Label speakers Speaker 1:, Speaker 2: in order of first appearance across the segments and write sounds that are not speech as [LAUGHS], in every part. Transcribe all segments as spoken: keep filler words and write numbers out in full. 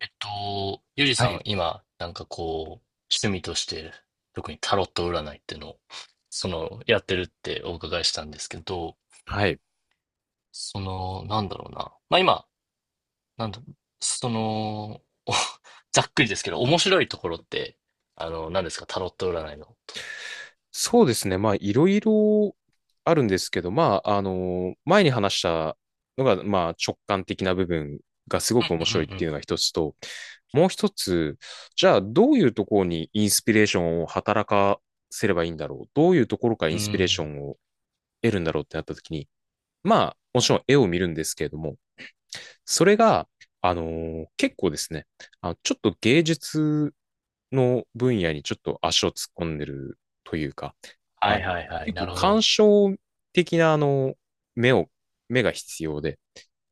Speaker 1: えっと、ゆり
Speaker 2: は
Speaker 1: さん、
Speaker 2: い。
Speaker 1: 今、なんかこう、趣味として、特にタロット占いっていうのを、その、やってるってお伺いしたんですけど、
Speaker 2: はい。
Speaker 1: その、なんだろうな。まあ今、なんだ、その、お [LAUGHS] ざっくりですけど、面白いところって、あの、何ですか、タロット占いの。
Speaker 2: そうですね。まあ、いろいろあるんですけど、まあ、あの、前に話したのが、まあ、直感的な部分がすごく面
Speaker 1: う
Speaker 2: 白いっ
Speaker 1: んう
Speaker 2: てい
Speaker 1: ん
Speaker 2: うのが一つと、もう一つ、じゃあ、どういうところにインスピレーションを働かせればいいんだろう。どういうところから
Speaker 1: うん。
Speaker 2: イ
Speaker 1: う
Speaker 2: ンスピレーショ
Speaker 1: ん。
Speaker 2: ンを得るんだろうってなった時に、まあ、もちろん絵を見るんですけれども、それが、あの、結構ですね、あ、ちょっと芸術の分野にちょっと足を突っ込んでるというか、
Speaker 1: は
Speaker 2: あ
Speaker 1: い
Speaker 2: の、
Speaker 1: はいはい。
Speaker 2: 結
Speaker 1: な
Speaker 2: 構
Speaker 1: るほど。
Speaker 2: 鑑賞的な、あの、目を、目が必要で、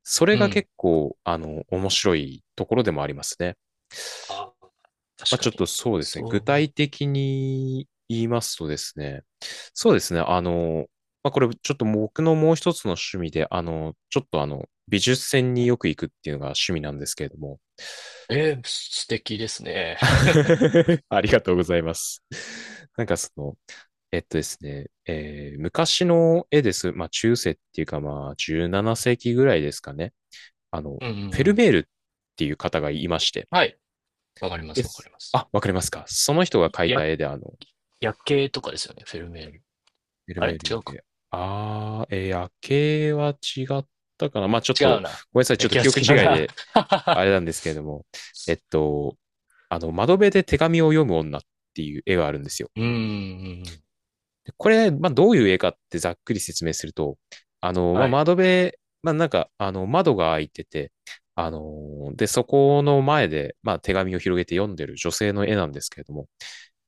Speaker 2: それ
Speaker 1: う
Speaker 2: が
Speaker 1: ん。
Speaker 2: 結構、あの、面白いところでもありますね。
Speaker 1: あ、
Speaker 2: まあ、
Speaker 1: 確
Speaker 2: ちょ
Speaker 1: か
Speaker 2: っ
Speaker 1: に。
Speaker 2: とそうですね。具
Speaker 1: そう。
Speaker 2: 体的に言いますとですね、そうですね。あの、まあ、これちょっと僕のもう一つの趣味で、あの、ちょっとあの、美術展によく行くっていうのが趣味なんですけれども。
Speaker 1: えー、素敵ですね。[LAUGHS]
Speaker 2: [LAUGHS] ありがとうございます。なんかその、えっとですね、えー昔の絵です。まあ、中世っていうか、まあ、じゅうなな世紀ぐらいですかね。あの、
Speaker 1: うんうんう
Speaker 2: フェル
Speaker 1: ん。
Speaker 2: メールっていう方がいまして。
Speaker 1: はい。わかりま
Speaker 2: で
Speaker 1: すわか
Speaker 2: す。
Speaker 1: ります。
Speaker 2: あ、わかりますか。その人が描い
Speaker 1: や
Speaker 2: た絵で、あの、
Speaker 1: 夜景とかですよね、フェルメール。
Speaker 2: フェル
Speaker 1: あ
Speaker 2: メ
Speaker 1: れ
Speaker 2: ール
Speaker 1: 違
Speaker 2: 夜
Speaker 1: うか。
Speaker 2: 景。あー、えー夜景は違ったかな。まあ、ちょっ
Speaker 1: 違う
Speaker 2: と、
Speaker 1: な。
Speaker 2: ごめんなさい。ち
Speaker 1: 夜
Speaker 2: ょっと
Speaker 1: 景
Speaker 2: 記憶違い
Speaker 1: は違うな。
Speaker 2: で、
Speaker 1: [LAUGHS]
Speaker 2: あれなんですけれども、えっと、あの、窓辺で手紙を読む女っていう絵があるんですよ。
Speaker 1: うーん。
Speaker 2: これ、まあ、どういう絵かってざっくり説明すると、あの、まあ、
Speaker 1: はい。
Speaker 2: 窓辺、まあ、なんか、あの、窓が開いてて、あの、で、そこの前で、まあ、手紙を広げて読んでる女性の絵なんですけれども、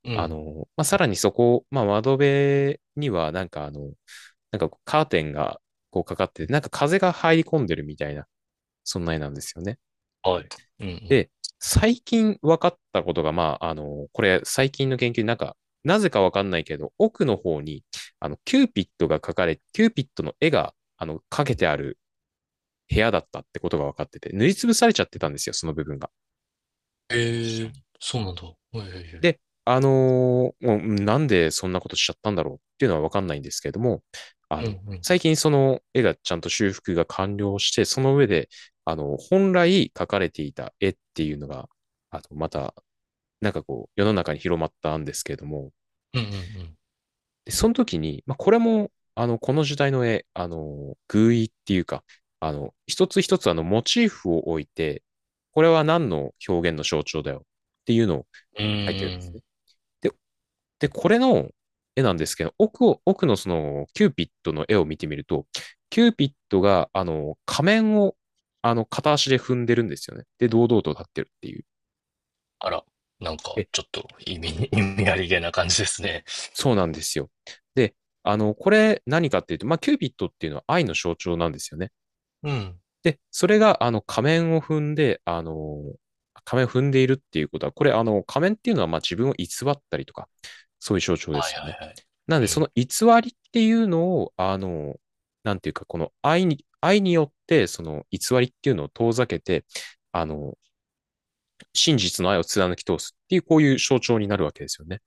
Speaker 1: う
Speaker 2: あ
Speaker 1: ん。
Speaker 2: の、まあ、さらにそこ、まあ、窓辺には、なんかあの、なんかカーテンがこうかかってて、なんか風が入り込んでるみたいな、そんな絵なんですよね。
Speaker 1: はい。うんうん。
Speaker 2: で、最近分かったことが、まあ、あの、これ最近の研究でなんか、なぜか分かんないけど、奥の方に、あの、キューピッドが描かれ、キューピッドの絵が、あの、かけてある部屋だったってことが分かってて、塗りつぶされちゃってたんですよ、その部分が。確
Speaker 1: え
Speaker 2: か
Speaker 1: え、
Speaker 2: に。
Speaker 1: そうなんだ。はいはいはい。
Speaker 2: で、あのーもうなんでそんなことしちゃったんだろうっていうのは分かんないんですけれども、あ
Speaker 1: う
Speaker 2: の、
Speaker 1: んうん。
Speaker 2: 最近その絵がちゃんと修復が完了して、その上で、あの、本来描かれていた絵っていうのが、あの、またなんかこう、世の中に広まったんですけれども、
Speaker 1: うんうん
Speaker 2: でその時に、まあ、これも、あの、この時代の絵、あの、寓意っていうか、あの、一つ一つあの、モチーフを置いて、これは何の表現の象徴だよっていうのを
Speaker 1: うん。う
Speaker 2: 書いてるん
Speaker 1: ー
Speaker 2: です
Speaker 1: ん。
Speaker 2: ね。で、で、これの絵なんですけど、奥を、奥のその、キューピッドの絵を見てみると、キューピッドが、あの、仮面を、あの、片足で踏んでるんですよね。で、堂々と立ってるっていう。
Speaker 1: あら、なんか
Speaker 2: 絵
Speaker 1: ちょっと意味意味ありげな感じですね。
Speaker 2: そうなんですよ。で、あの、これ何かっていうと、まあ、キュービットっていうのは愛の象徴なんですよね。
Speaker 1: うん。
Speaker 2: で、それが、あの、仮面を踏んで、あの、仮面を踏んでいるっていうことは、これ、あの、仮面っていうのは、まあ、自分を偽ったりとか、そういう象徴で
Speaker 1: は
Speaker 2: す
Speaker 1: い
Speaker 2: よ
Speaker 1: は
Speaker 2: ね。
Speaker 1: い
Speaker 2: なんで、
Speaker 1: はい。
Speaker 2: そ
Speaker 1: う
Speaker 2: の偽りっていうのを、あの、なんていうか、この愛に、愛によって、その偽りっていうのを遠ざけて、あの、真実の愛を貫き通すっていう、こういう象徴になるわけですよね。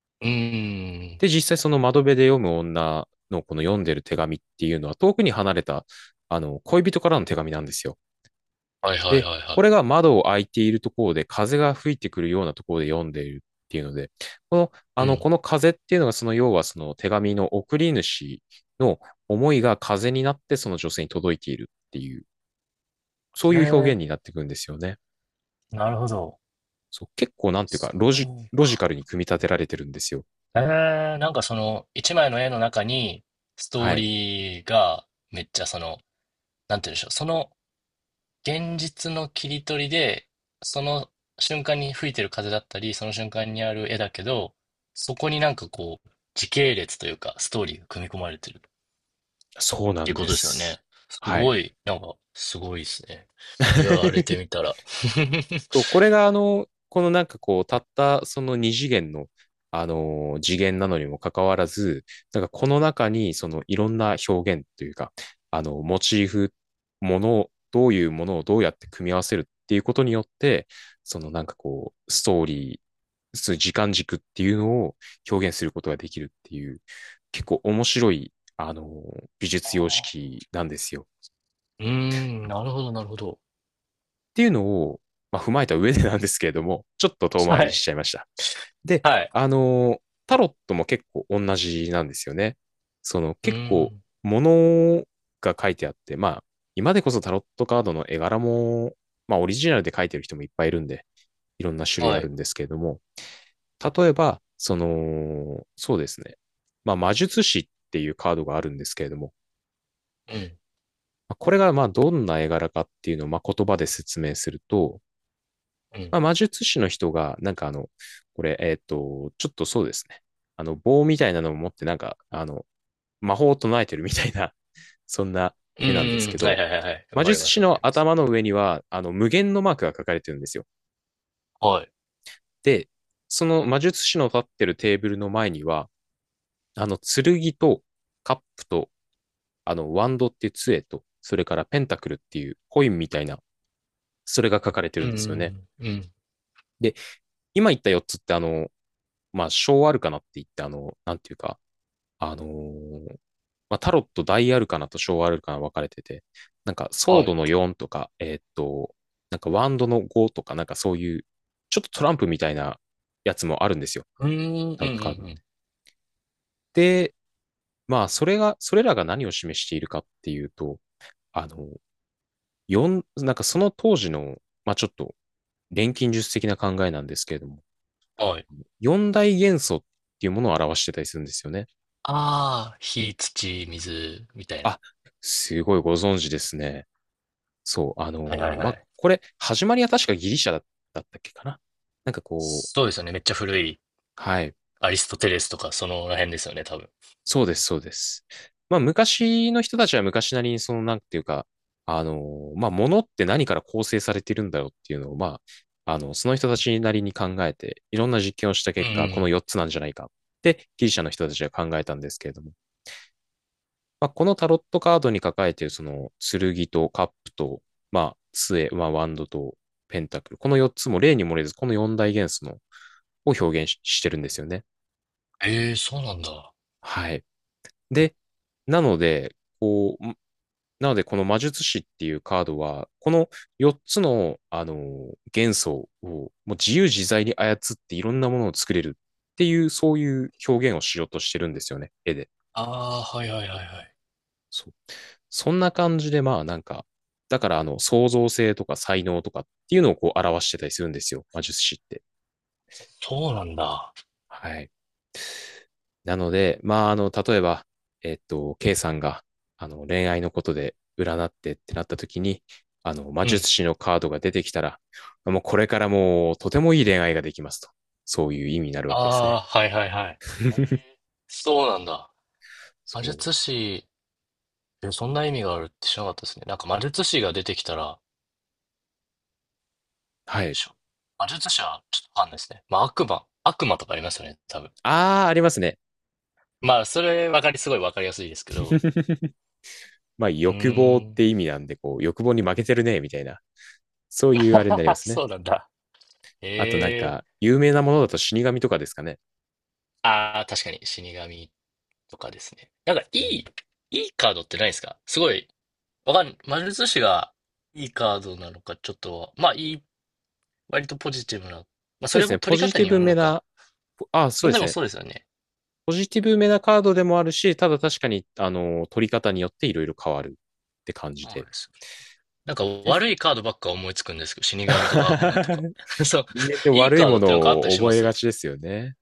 Speaker 1: ん。うーん。
Speaker 2: で、実際その窓辺で読む女のこの読んでる手紙っていうのは遠くに離れた、あの、恋人からの手紙なんですよ。
Speaker 1: はいはい
Speaker 2: で、
Speaker 1: はい
Speaker 2: これ
Speaker 1: は
Speaker 2: が窓を開いているところで風が吹いてくるようなところで読んでいるっていうので、この、
Speaker 1: い。
Speaker 2: あ
Speaker 1: う
Speaker 2: の、
Speaker 1: ん。
Speaker 2: この風っていうのがその要はその手紙の送り主の思いが風になってその女性に届いているっていう、そう
Speaker 1: へ
Speaker 2: いう表現になってくるんですよね。
Speaker 1: え、なるほど。
Speaker 2: そう、結構なんていうか、
Speaker 1: そ
Speaker 2: ロジ、
Speaker 1: う
Speaker 2: ロジカ
Speaker 1: か。
Speaker 2: ルに組み立てられてるんですよ。
Speaker 1: えー、なんかその、一枚の絵の中に、スト
Speaker 2: は
Speaker 1: ー
Speaker 2: い。
Speaker 1: リーが、めっちゃその、なんて言うんでしょう、その、現実の切り取りで、その瞬間に吹いてる風だったり、その瞬間にある絵だけど、そこになんかこう、時系列というか、ストーリーが組み込まれてるっ
Speaker 2: そうな
Speaker 1: ていう
Speaker 2: ん
Speaker 1: こ
Speaker 2: で
Speaker 1: とですよ
Speaker 2: す。
Speaker 1: ね。す
Speaker 2: はい。
Speaker 1: ごい、なんか、すごいですね。言われて
Speaker 2: [LAUGHS]
Speaker 1: みたら。[LAUGHS]
Speaker 2: そうこれがあの、このなんかこう、たったその二次元の、あのー次元なのにもかかわらず、なんかこの中にそのいろんな表現というか、あの、モチーフ、ものを、どういうものをどうやって組み合わせるっていうことによって、そのなんかこう、ストーリー、そういう時間軸っていうのを表現することができるっていう、結構面白い、あのー美
Speaker 1: あ
Speaker 2: 術様
Speaker 1: あ
Speaker 2: 式なんですよ。
Speaker 1: うーん、なるほど、なるほど。
Speaker 2: っていうのを、まあ、踏まえた上でなんですけれども、[LAUGHS] ちょっと遠回
Speaker 1: は
Speaker 2: りしち
Speaker 1: い。
Speaker 2: ゃいました。で、
Speaker 1: はい。
Speaker 2: あの、タロットも結構同じなんですよね。その
Speaker 1: う
Speaker 2: 結
Speaker 1: ー
Speaker 2: 構、
Speaker 1: ん。
Speaker 2: 物が書いてあって、まあ、今でこそタロットカードの絵柄も、まあ、オリジナルで書いてる人もいっぱいいるんで、いろんな種類
Speaker 1: は
Speaker 2: ある
Speaker 1: い。
Speaker 2: んですけれども、例えば、その、そうですね。まあ、魔術師っていうカードがあるんですけれども、
Speaker 1: うん。
Speaker 2: これがまあどんな絵柄かっていうのをまあ言葉で説明すると、
Speaker 1: う
Speaker 2: ま
Speaker 1: ん
Speaker 2: あ、魔術師の人が、なんかあの、これ、えっと、ちょっとそうですね。あの、棒みたいなのを持って、なんか、あの、魔法を唱えてるみたいな、[LAUGHS] そんな
Speaker 1: うんう
Speaker 2: 絵
Speaker 1: ん
Speaker 2: なんで
Speaker 1: う
Speaker 2: す
Speaker 1: ん。
Speaker 2: け
Speaker 1: はい
Speaker 2: ど、
Speaker 1: はいはいはい。わ
Speaker 2: 魔
Speaker 1: かり
Speaker 2: 術
Speaker 1: ます
Speaker 2: 師
Speaker 1: わかり
Speaker 2: の
Speaker 1: ます。
Speaker 2: 頭の上には、あの、無限のマークが書かれてるんですよ。
Speaker 1: はい。
Speaker 2: で、その魔術師の立ってるテーブルの前には、あの、剣とカップと、あの、ワンドっていう杖と、それからペンタクルっていうコインみたいな、それが書かれてる
Speaker 1: うん
Speaker 2: ん
Speaker 1: うんう
Speaker 2: ですよね。
Speaker 1: ん。うん。
Speaker 2: で、今言ったよっつって、あの、まあ、小アルカナって言って、あの、なんていうか、あのーまあ、タロット大アルカナと小アルカナ分かれてて、なんかソー
Speaker 1: は
Speaker 2: ド
Speaker 1: い。
Speaker 2: のよんとか、えーっと、なんかワンドのごとか、なんかそういう、ちょっとトランプみたいなやつもあるんですよ。
Speaker 1: うーん、うん
Speaker 2: タロットカードっ
Speaker 1: うん
Speaker 2: て。で、まあ、それが、それらが何を示しているかっていうと、あの、四なんかその当時の、まあちょっと錬金術的な考えなんですけれども、
Speaker 1: うん。はい。
Speaker 2: 四大元素っていうものを表してたりするんですよね。
Speaker 1: ああ、火、土、水みたいな。
Speaker 2: あ、すごいご存知ですね。そう、あの
Speaker 1: はいはい
Speaker 2: ーま
Speaker 1: は
Speaker 2: あ、
Speaker 1: い。
Speaker 2: これ、始まりは確かギリシャだだったっけかな。なんかこう、
Speaker 1: そうですよね、めっちゃ古い、
Speaker 2: はい。
Speaker 1: アリストテレスとかそのら辺ですよね、多分。
Speaker 2: そうです、そうです。まあ、昔の人たちは昔なりに、その、なんていうか、あのーまあ、物って何から構成されているんだろうっていうのを、まあ、あの、その人たちなりに考えて、いろんな実験をした
Speaker 1: うんう
Speaker 2: 結果、この
Speaker 1: ん。
Speaker 2: よっつなんじゃないかって、ギリシャの人たちは考えたんですけれども、まあ、このタロットカードに抱かれているその剣とカップと、まあ、杖、まあ、ワンドとペンタクル。このよっつも例に漏れず、このよん大元素のを表現ししてるんですよね。
Speaker 1: ええ、そうなんだ。
Speaker 2: はい。で、なので、こう、なのでこの魔術師っていうカードは、このよっつの、あのー、元素をもう自由自在に操っていろんなものを作れるっていう、そういう表現をしようとしてるんですよね、絵で。
Speaker 1: ああ、はいはいはいはい。
Speaker 2: そう。そんな感じで、まあなんか、だからあの、創造性とか才能とかっていうのをこう表してたりするんですよ。魔術師って。
Speaker 1: そうなんだ。
Speaker 2: はい。なので、まああの、例えば、えっと、ケーさんが、あの、恋愛のことで占ってってなった時に、あの、魔
Speaker 1: うん。
Speaker 2: 術師のカードが出てきたら、もうこれからもうとてもいい恋愛ができますと。そういう意味になるわ
Speaker 1: あ
Speaker 2: けですね。
Speaker 1: あ、はいはいはい。え、
Speaker 2: [LAUGHS]
Speaker 1: そうなんだ。
Speaker 2: そ
Speaker 1: 魔
Speaker 2: う。
Speaker 1: 術師、え、そんな意味があるって知らなかったですね。なんか魔術師が出てきたら、な
Speaker 2: は
Speaker 1: んで
Speaker 2: い。
Speaker 1: しょう。魔術師はちょっとわかんないですね。まあ、悪魔、悪魔とかありますよね、多分。
Speaker 2: ああ、ありますね。
Speaker 1: まあ、それわかり、すごいわかりやすいですけど。
Speaker 2: [LAUGHS] まあ
Speaker 1: う
Speaker 2: 欲望っ
Speaker 1: ーん。
Speaker 2: て意味なんで、こう、欲望に負けてるね、みたいな。そういうあれになりま
Speaker 1: [LAUGHS]
Speaker 2: すね。
Speaker 1: そうなんだ。
Speaker 2: あとなん
Speaker 1: ええ、
Speaker 2: か、有名なものだと死神とかですかね。
Speaker 1: ああー、確かに死神とかですね。なんか、い
Speaker 2: うん
Speaker 1: い、いいカードってないですか？すごい、わかん、魔術師がいいカードなのか、ちょっと、まあ、いい、割とポジティブな。まあ、
Speaker 2: そ
Speaker 1: そ
Speaker 2: うで
Speaker 1: れ
Speaker 2: す
Speaker 1: も
Speaker 2: ね。
Speaker 1: 取
Speaker 2: ポ
Speaker 1: り
Speaker 2: ジ
Speaker 1: 方
Speaker 2: ティ
Speaker 1: によ
Speaker 2: ブ
Speaker 1: る
Speaker 2: め
Speaker 1: のか。
Speaker 2: な、あ、そ
Speaker 1: ま
Speaker 2: う
Speaker 1: あ、
Speaker 2: で
Speaker 1: で
Speaker 2: す
Speaker 1: も
Speaker 2: ね。
Speaker 1: そうですよね。
Speaker 2: ポジティブめなカードでもあるし、ただ確かに、あの、取り方によっていろいろ変わるって感じ
Speaker 1: そう
Speaker 2: で。
Speaker 1: です。なんか
Speaker 2: です。
Speaker 1: 悪いカードばっか思いつくんですけど、死神とか悪魔とか。
Speaker 2: [LAUGHS]
Speaker 1: [LAUGHS] そう。
Speaker 2: 人間って
Speaker 1: いい
Speaker 2: 悪い
Speaker 1: カー
Speaker 2: も
Speaker 1: ドってなんかあっ
Speaker 2: の
Speaker 1: たり
Speaker 2: を
Speaker 1: しま
Speaker 2: 覚え
Speaker 1: す？
Speaker 2: が
Speaker 1: [LAUGHS]
Speaker 2: ちですよね。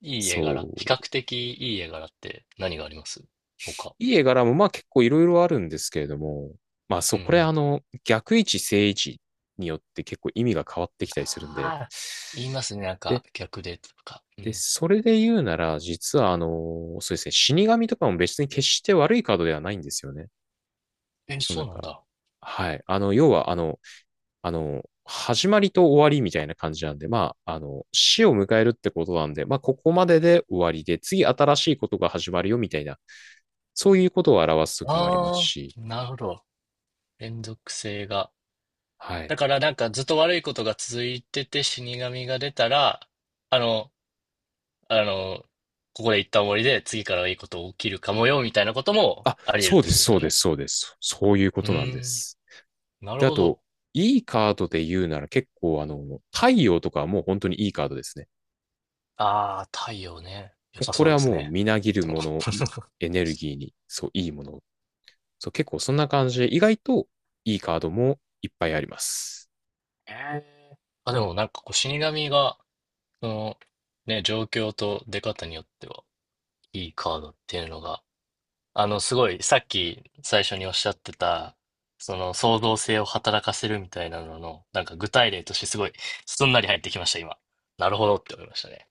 Speaker 1: いい絵
Speaker 2: そ
Speaker 1: 柄。比
Speaker 2: う。
Speaker 1: 較的いい絵柄って何があります、他。
Speaker 2: いい絵柄もまあ結構いろいろあるんですけれども、まあそ
Speaker 1: う
Speaker 2: う、
Speaker 1: んう
Speaker 2: これあ
Speaker 1: ん。
Speaker 2: の、逆位置、正位置によって結構意味が変わってきたりするんで、
Speaker 1: ああ、言いますね。なん
Speaker 2: で、
Speaker 1: か逆でとか。う
Speaker 2: で、
Speaker 1: ん。
Speaker 2: それで言うなら、実はあのそうですね、死神とかも別に決して悪いカードではないんですよね。
Speaker 1: え、
Speaker 2: そう
Speaker 1: そ
Speaker 2: なん
Speaker 1: うなん
Speaker 2: か、
Speaker 1: だ。
Speaker 2: はい。あの、要はあの、あの、始まりと終わりみたいな感じなんで、まあ、あの、死を迎えるってことなんで、まあ、ここまでで終わりで、次新しいことが始まるよみたいな、そういうことを表すときもあります
Speaker 1: ああ、
Speaker 2: し、
Speaker 1: なるほど。連続性が。
Speaker 2: はい。
Speaker 1: だからなんかずっと悪いことが続いてて死神が出たら、あの、あの、ここで一旦終わりで次からはいいこと起きるかもよみたいなことも
Speaker 2: あ、
Speaker 1: あり得るっ
Speaker 2: そう
Speaker 1: て
Speaker 2: で
Speaker 1: こ
Speaker 2: す、
Speaker 1: とです
Speaker 2: そ
Speaker 1: よ
Speaker 2: うで
Speaker 1: ね。
Speaker 2: す、そうです。そういうこ
Speaker 1: う
Speaker 2: となんで
Speaker 1: ーん、
Speaker 2: す。
Speaker 1: なる
Speaker 2: で、あ
Speaker 1: ほ
Speaker 2: と、
Speaker 1: ど。
Speaker 2: いいカードで言うなら結構あの、太陽とかはもう本当にいいカードですね。
Speaker 1: ああ、太陽ね。良さ
Speaker 2: こ
Speaker 1: そ
Speaker 2: れ
Speaker 1: うで
Speaker 2: は
Speaker 1: す
Speaker 2: もう
Speaker 1: ね。
Speaker 2: みなぎる
Speaker 1: でも
Speaker 2: もの、
Speaker 1: [LAUGHS]
Speaker 2: エネルギーに、そう、いいもの。そう、結構そんな感じで、意外といいカードもいっぱいあります。
Speaker 1: ええ。あ、でもなんかこう死神が、その、ね、状況と出方によっては、いいカードっていうのが、あの、すごい、さっき最初におっしゃってた、その創造性を働かせるみたいなのの、なんか具体例としてすごい、すんなり入ってきました、今。なるほどって思いましたね。